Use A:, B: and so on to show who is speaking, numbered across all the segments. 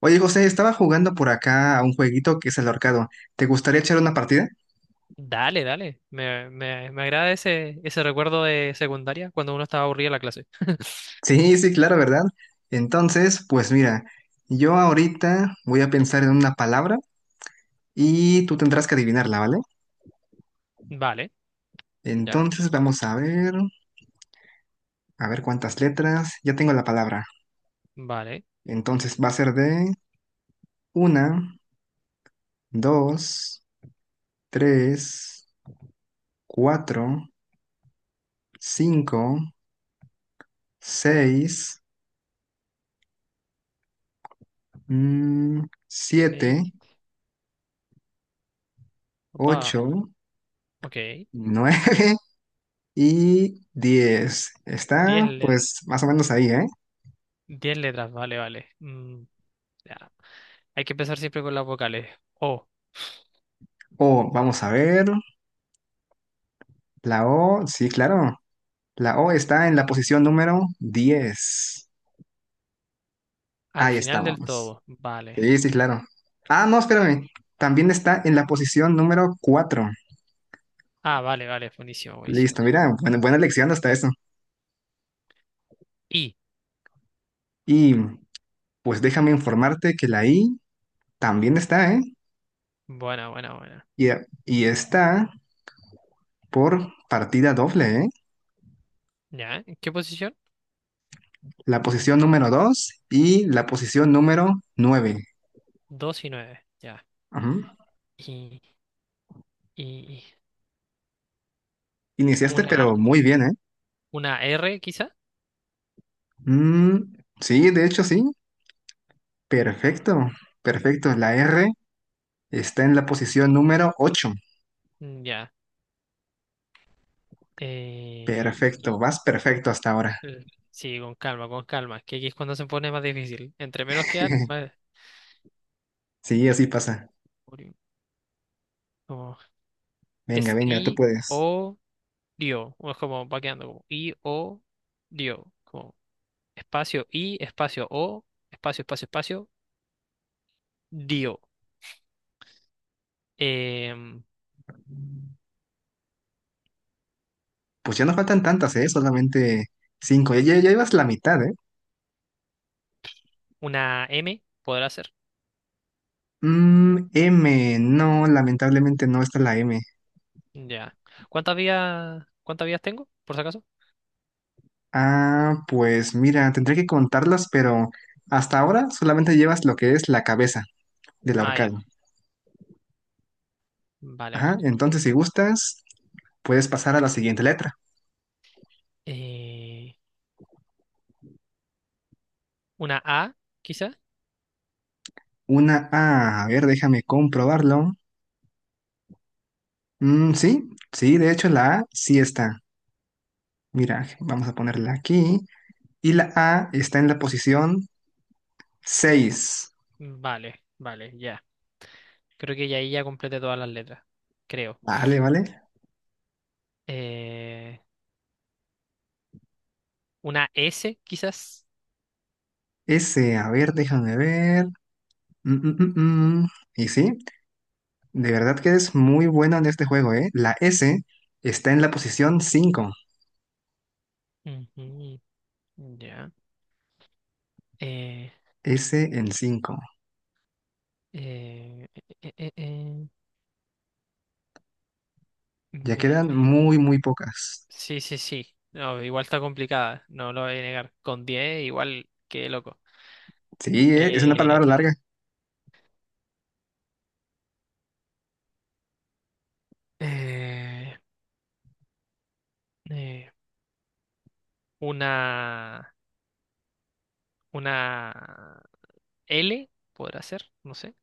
A: Oye, José, estaba jugando por acá a un jueguito que es el ahorcado. ¿Te gustaría echar una partida?
B: Dale, dale. Me agrada ese recuerdo de secundaria cuando uno estaba aburrido en la clase.
A: Sí, sí, claro, ¿verdad? Entonces, pues mira, yo ahorita voy a pensar en una palabra y tú tendrás que adivinarla, ¿vale?
B: Vale, ya.
A: Entonces, vamos a ver cuántas letras. Ya tengo la palabra.
B: Vale.
A: Entonces, va a ser de una, dos, tres, cuatro, cinco, seis, mm,
B: Sí.
A: siete,
B: Opa.
A: ocho,
B: Ok.
A: nueve. Y 10.
B: Diez,
A: Está
B: le-
A: pues más o menos ahí, ¿eh?
B: diez letras. Vale, vale. Ya. Hay que empezar siempre con las vocales. O.
A: O, vamos a ver. La O, sí, claro. La O está en la posición número 10.
B: Al
A: Ahí
B: final del
A: estábamos.
B: todo. Vale.
A: Sí, sí, claro. Ah, no, espérame. También está en la posición número cuatro.
B: Ah, vale, vale. Buenísimo, buenísimo.
A: Listo, mira, buena, buena lección hasta eso.
B: Y.
A: Y pues déjame informarte que la I también está, ¿eh?
B: Buena, buena, buena.
A: Y, y está por partida doble, ¿eh?
B: Ya. ¿En qué posición?
A: La posición número 2 y la posición número nueve.
B: Dos y nueve. Ya.
A: Ajá.
B: Y, y
A: Iniciaste,
B: una,
A: pero muy bien, ¿eh?
B: una R quizá.
A: Mm, sí, de hecho sí. Perfecto, perfecto. La R está en la posición número 8.
B: Ya. Eh,
A: Perfecto, vas perfecto hasta ahora.
B: Eh, Sí, con calma, con calma. Es que aquí es cuando se pone más difícil. Entre menos quedan, más.
A: Sí, así pasa.
B: ori- Como.
A: Venga,
B: Es
A: venga, tú
B: i,
A: puedes.
B: o, dio. O es como va quedando como i, o, dio. Como espacio i, espacio o, espacio, espacio, espacio, dio. Em,
A: Pues ya no faltan tantas, ¿eh? Solamente cinco. Ya, ya, ya ibas la mitad, ¿eh?
B: una m podrá ser.
A: M, no, lamentablemente no está la M.
B: Ya. Cuántas vías tengo, por si acaso?
A: Ah, pues mira, tendré que contarlas, pero hasta ahora solamente llevas lo que es la cabeza del
B: Ah, ya.
A: ahorcado.
B: Vale, vale.
A: Ajá, entonces si gustas, puedes pasar a la siguiente letra.
B: Eh, una a, quizá.
A: Una A, a ver, déjame comprobarlo. Sí, sí, de hecho la A sí está. Mira, vamos a ponerla aquí. Y la A está en la posición 6.
B: Vale, vale, ya. Creo que ya ahí ya completé todas las letras. Creo.
A: Vale, vale.
B: Eh, una S, quizás.
A: S, a ver, déjame ver. Mm, mm, mm, mm. Y sí, de verdad que es muy bueno en este juego, ¿eh? La S está en la posición 5.
B: Ujú, ya. Eh,
A: S en 5.
B: eh, eh, eh, eh,
A: Ya
B: me-
A: quedan
B: eh,
A: muy, muy pocas.
B: Sí, sí, sí. No, igual está complicada. No lo voy a negar. Con diez igual, qué loco.
A: Sí, ¿eh? Es una
B: Eh,
A: palabra larga.
B: eh, eh, una, una L, podrá ser. No sé.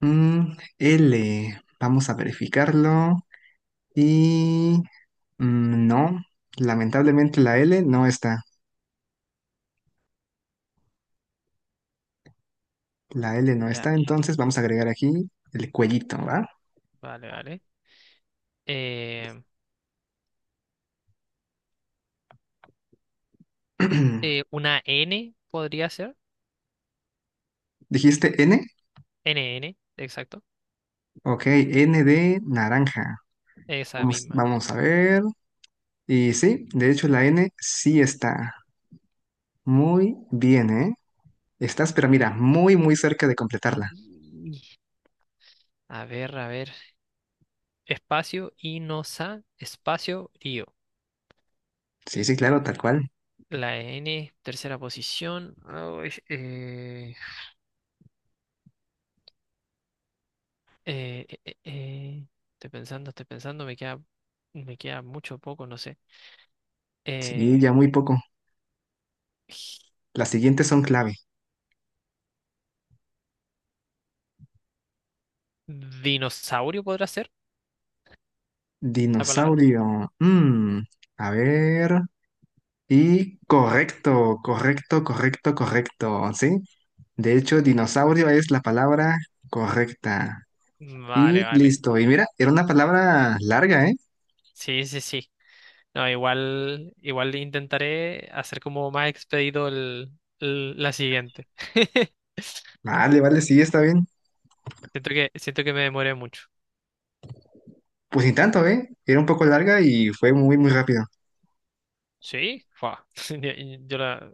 A: L, vamos a verificarlo. Y no, lamentablemente la L no está. La L no está,
B: Ya,
A: entonces vamos a agregar aquí el cuellito, ¿va?
B: vale, vale. Eh, una N podría ser.
A: ¿Dijiste N?
B: NN, exacto.
A: Ok, N de naranja.
B: Esa
A: Vamos,
B: misma.
A: vamos a ver. Y sí, de hecho la N sí está. Muy bien, ¿eh? Estás, pero mira, muy, muy cerca de completarla.
B: Y- A ver, a ver. Espacio, Inosa, espacio, Río.
A: Sí, sí, claro, tal cual.
B: La N, tercera posición. Ay, eh, eh, eh, eh. Estoy pensando, estoy pensando. Me queda mucho poco, no sé.
A: Sí,
B: Eh,
A: ya muy poco. Las siguientes son clave.
B: ¿Dinosaurio podrá ser la palabra?
A: Dinosaurio. A ver. Y correcto, correcto, correcto, correcto. ¿Sí? De hecho, dinosaurio es la palabra correcta.
B: Vale,
A: Y
B: vale.
A: listo. Y mira, era una palabra larga, ¿eh?
B: Sí, sí, sí. No, igual, igual intentaré hacer como más expedito la siguiente.
A: Vale, vale, sí, está bien.
B: Siento que me demoré mucho.
A: Pues ni tanto, ¿eh? Era un poco larga y fue muy, muy rápido.
B: ¿Sí? Fua. Yo, yo la-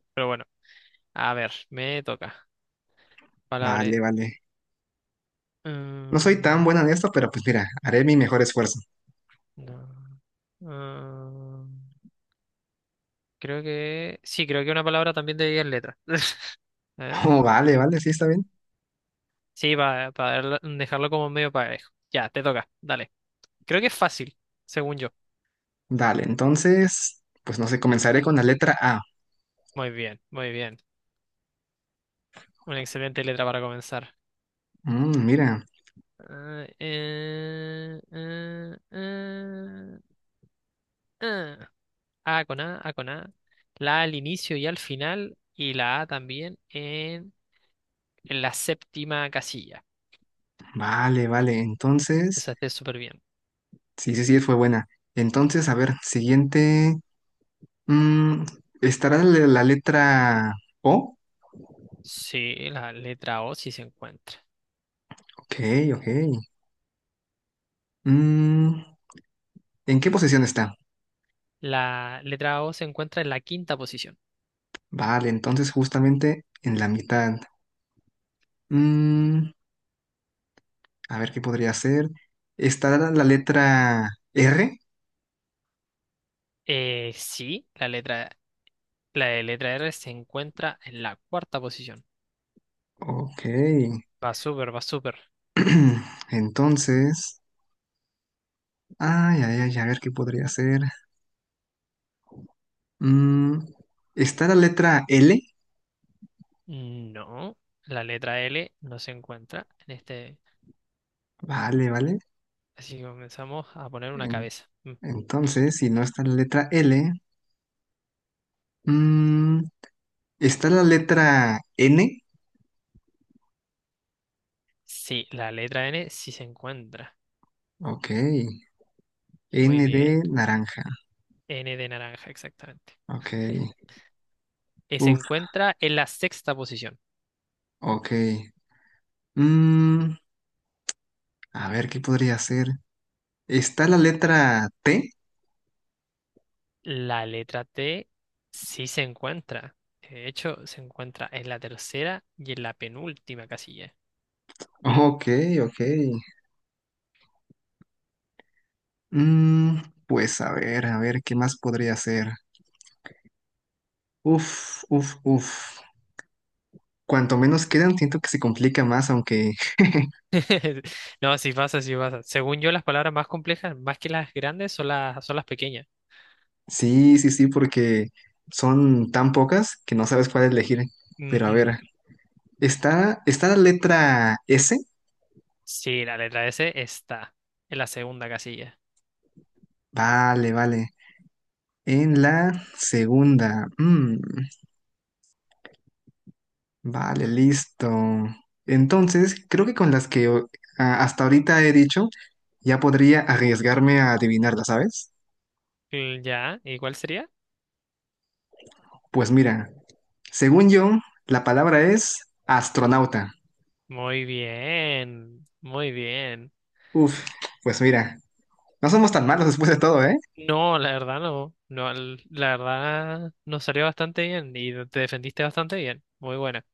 B: A ver, me toca. Palabra.
A: Vale, vale. No soy
B: Mm,
A: tan buena en esto, pero pues mira, haré mi mejor esfuerzo.
B: no. mm, creo que. Sí, creo que una palabra también de 10 letras. A ver.
A: Oh, vale, vale, sí, está bien.
B: Sí, para dejarlo como medio parejo. Ya, te toca. Dale. Creo que es fácil, según yo.
A: Dale, entonces, pues no sé, comenzaré con la letra A.
B: Muy bien, muy bien. Una excelente letra para comenzar.
A: Mira.
B: Ah, eh. A con A. La A al inicio y al final. Y la A también en la séptima casilla.
A: Vale, vale. Entonces,
B: Esa esté súper bien.
A: sí, sí, sí, fue buena. Entonces, a ver, siguiente. mm, ¿Estará la letra O?
B: Sí, la letra O sí se encuentra.
A: Ok, ok. Mm, ¿En qué posición está?
B: La letra O se encuentra en la quinta posición.
A: Vale, entonces justamente en la mitad. Mm, a ver, ¿qué podría ser? ¿Estará la letra R?
B: Sí, la de letra R se encuentra en la cuarta posición.
A: Ok.
B: Va súper, va súper.
A: Entonces, ay, ay, ay, a ver, ¿qué podría ser? Mm, ¿Está la letra L?
B: No, la letra L no se encuentra en este.
A: Vale, vale.
B: Así que comenzamos a poner una cabeza. Mm.
A: Entonces, si no está la letra L, mm, está la letra N.
B: Sí, la letra N sí se encuentra.
A: Ok.
B: Muy
A: N de
B: bien.
A: naranja.
B: N de naranja, exactamente.
A: Ok.
B: Y se
A: Uf,
B: encuentra en la sexta posición.
A: ok. Mm, a ver, ¿qué podría ser? ¿Está la letra T?
B: La letra T sí se encuentra. De hecho, se encuentra en la tercera y en la penúltima casilla.
A: Ok, ok. Mm, pues a ver, ¿qué más podría ser? Uf, uf, uf. Cuanto menos quedan, siento que se complica más, aunque
B: No, sí pasa, sí pasa. Según yo, las palabras más complejas, más que las grandes, son las pequeñas.
A: Sí, sí, sí, porque son tan pocas que no sabes cuál elegir. Pero a
B: Ujú.
A: ver, está, está la letra S.
B: Sí, la letra S está en la segunda casilla.
A: Vale, vale. En la segunda. Vale, listo. Entonces, creo que con las que hasta ahorita he dicho, ya podría arriesgarme a adivinarla, ¿sabes?
B: Ya, ¿y cuál sería?
A: Pues mira, según yo, la palabra es astronauta.
B: Muy bien, muy bien.
A: Uf, pues mira, no somos tan malos después de todo, ¿eh?
B: No, la verdad no, no, la verdad nos salió bastante bien y te defendiste bastante bien. Muy buena.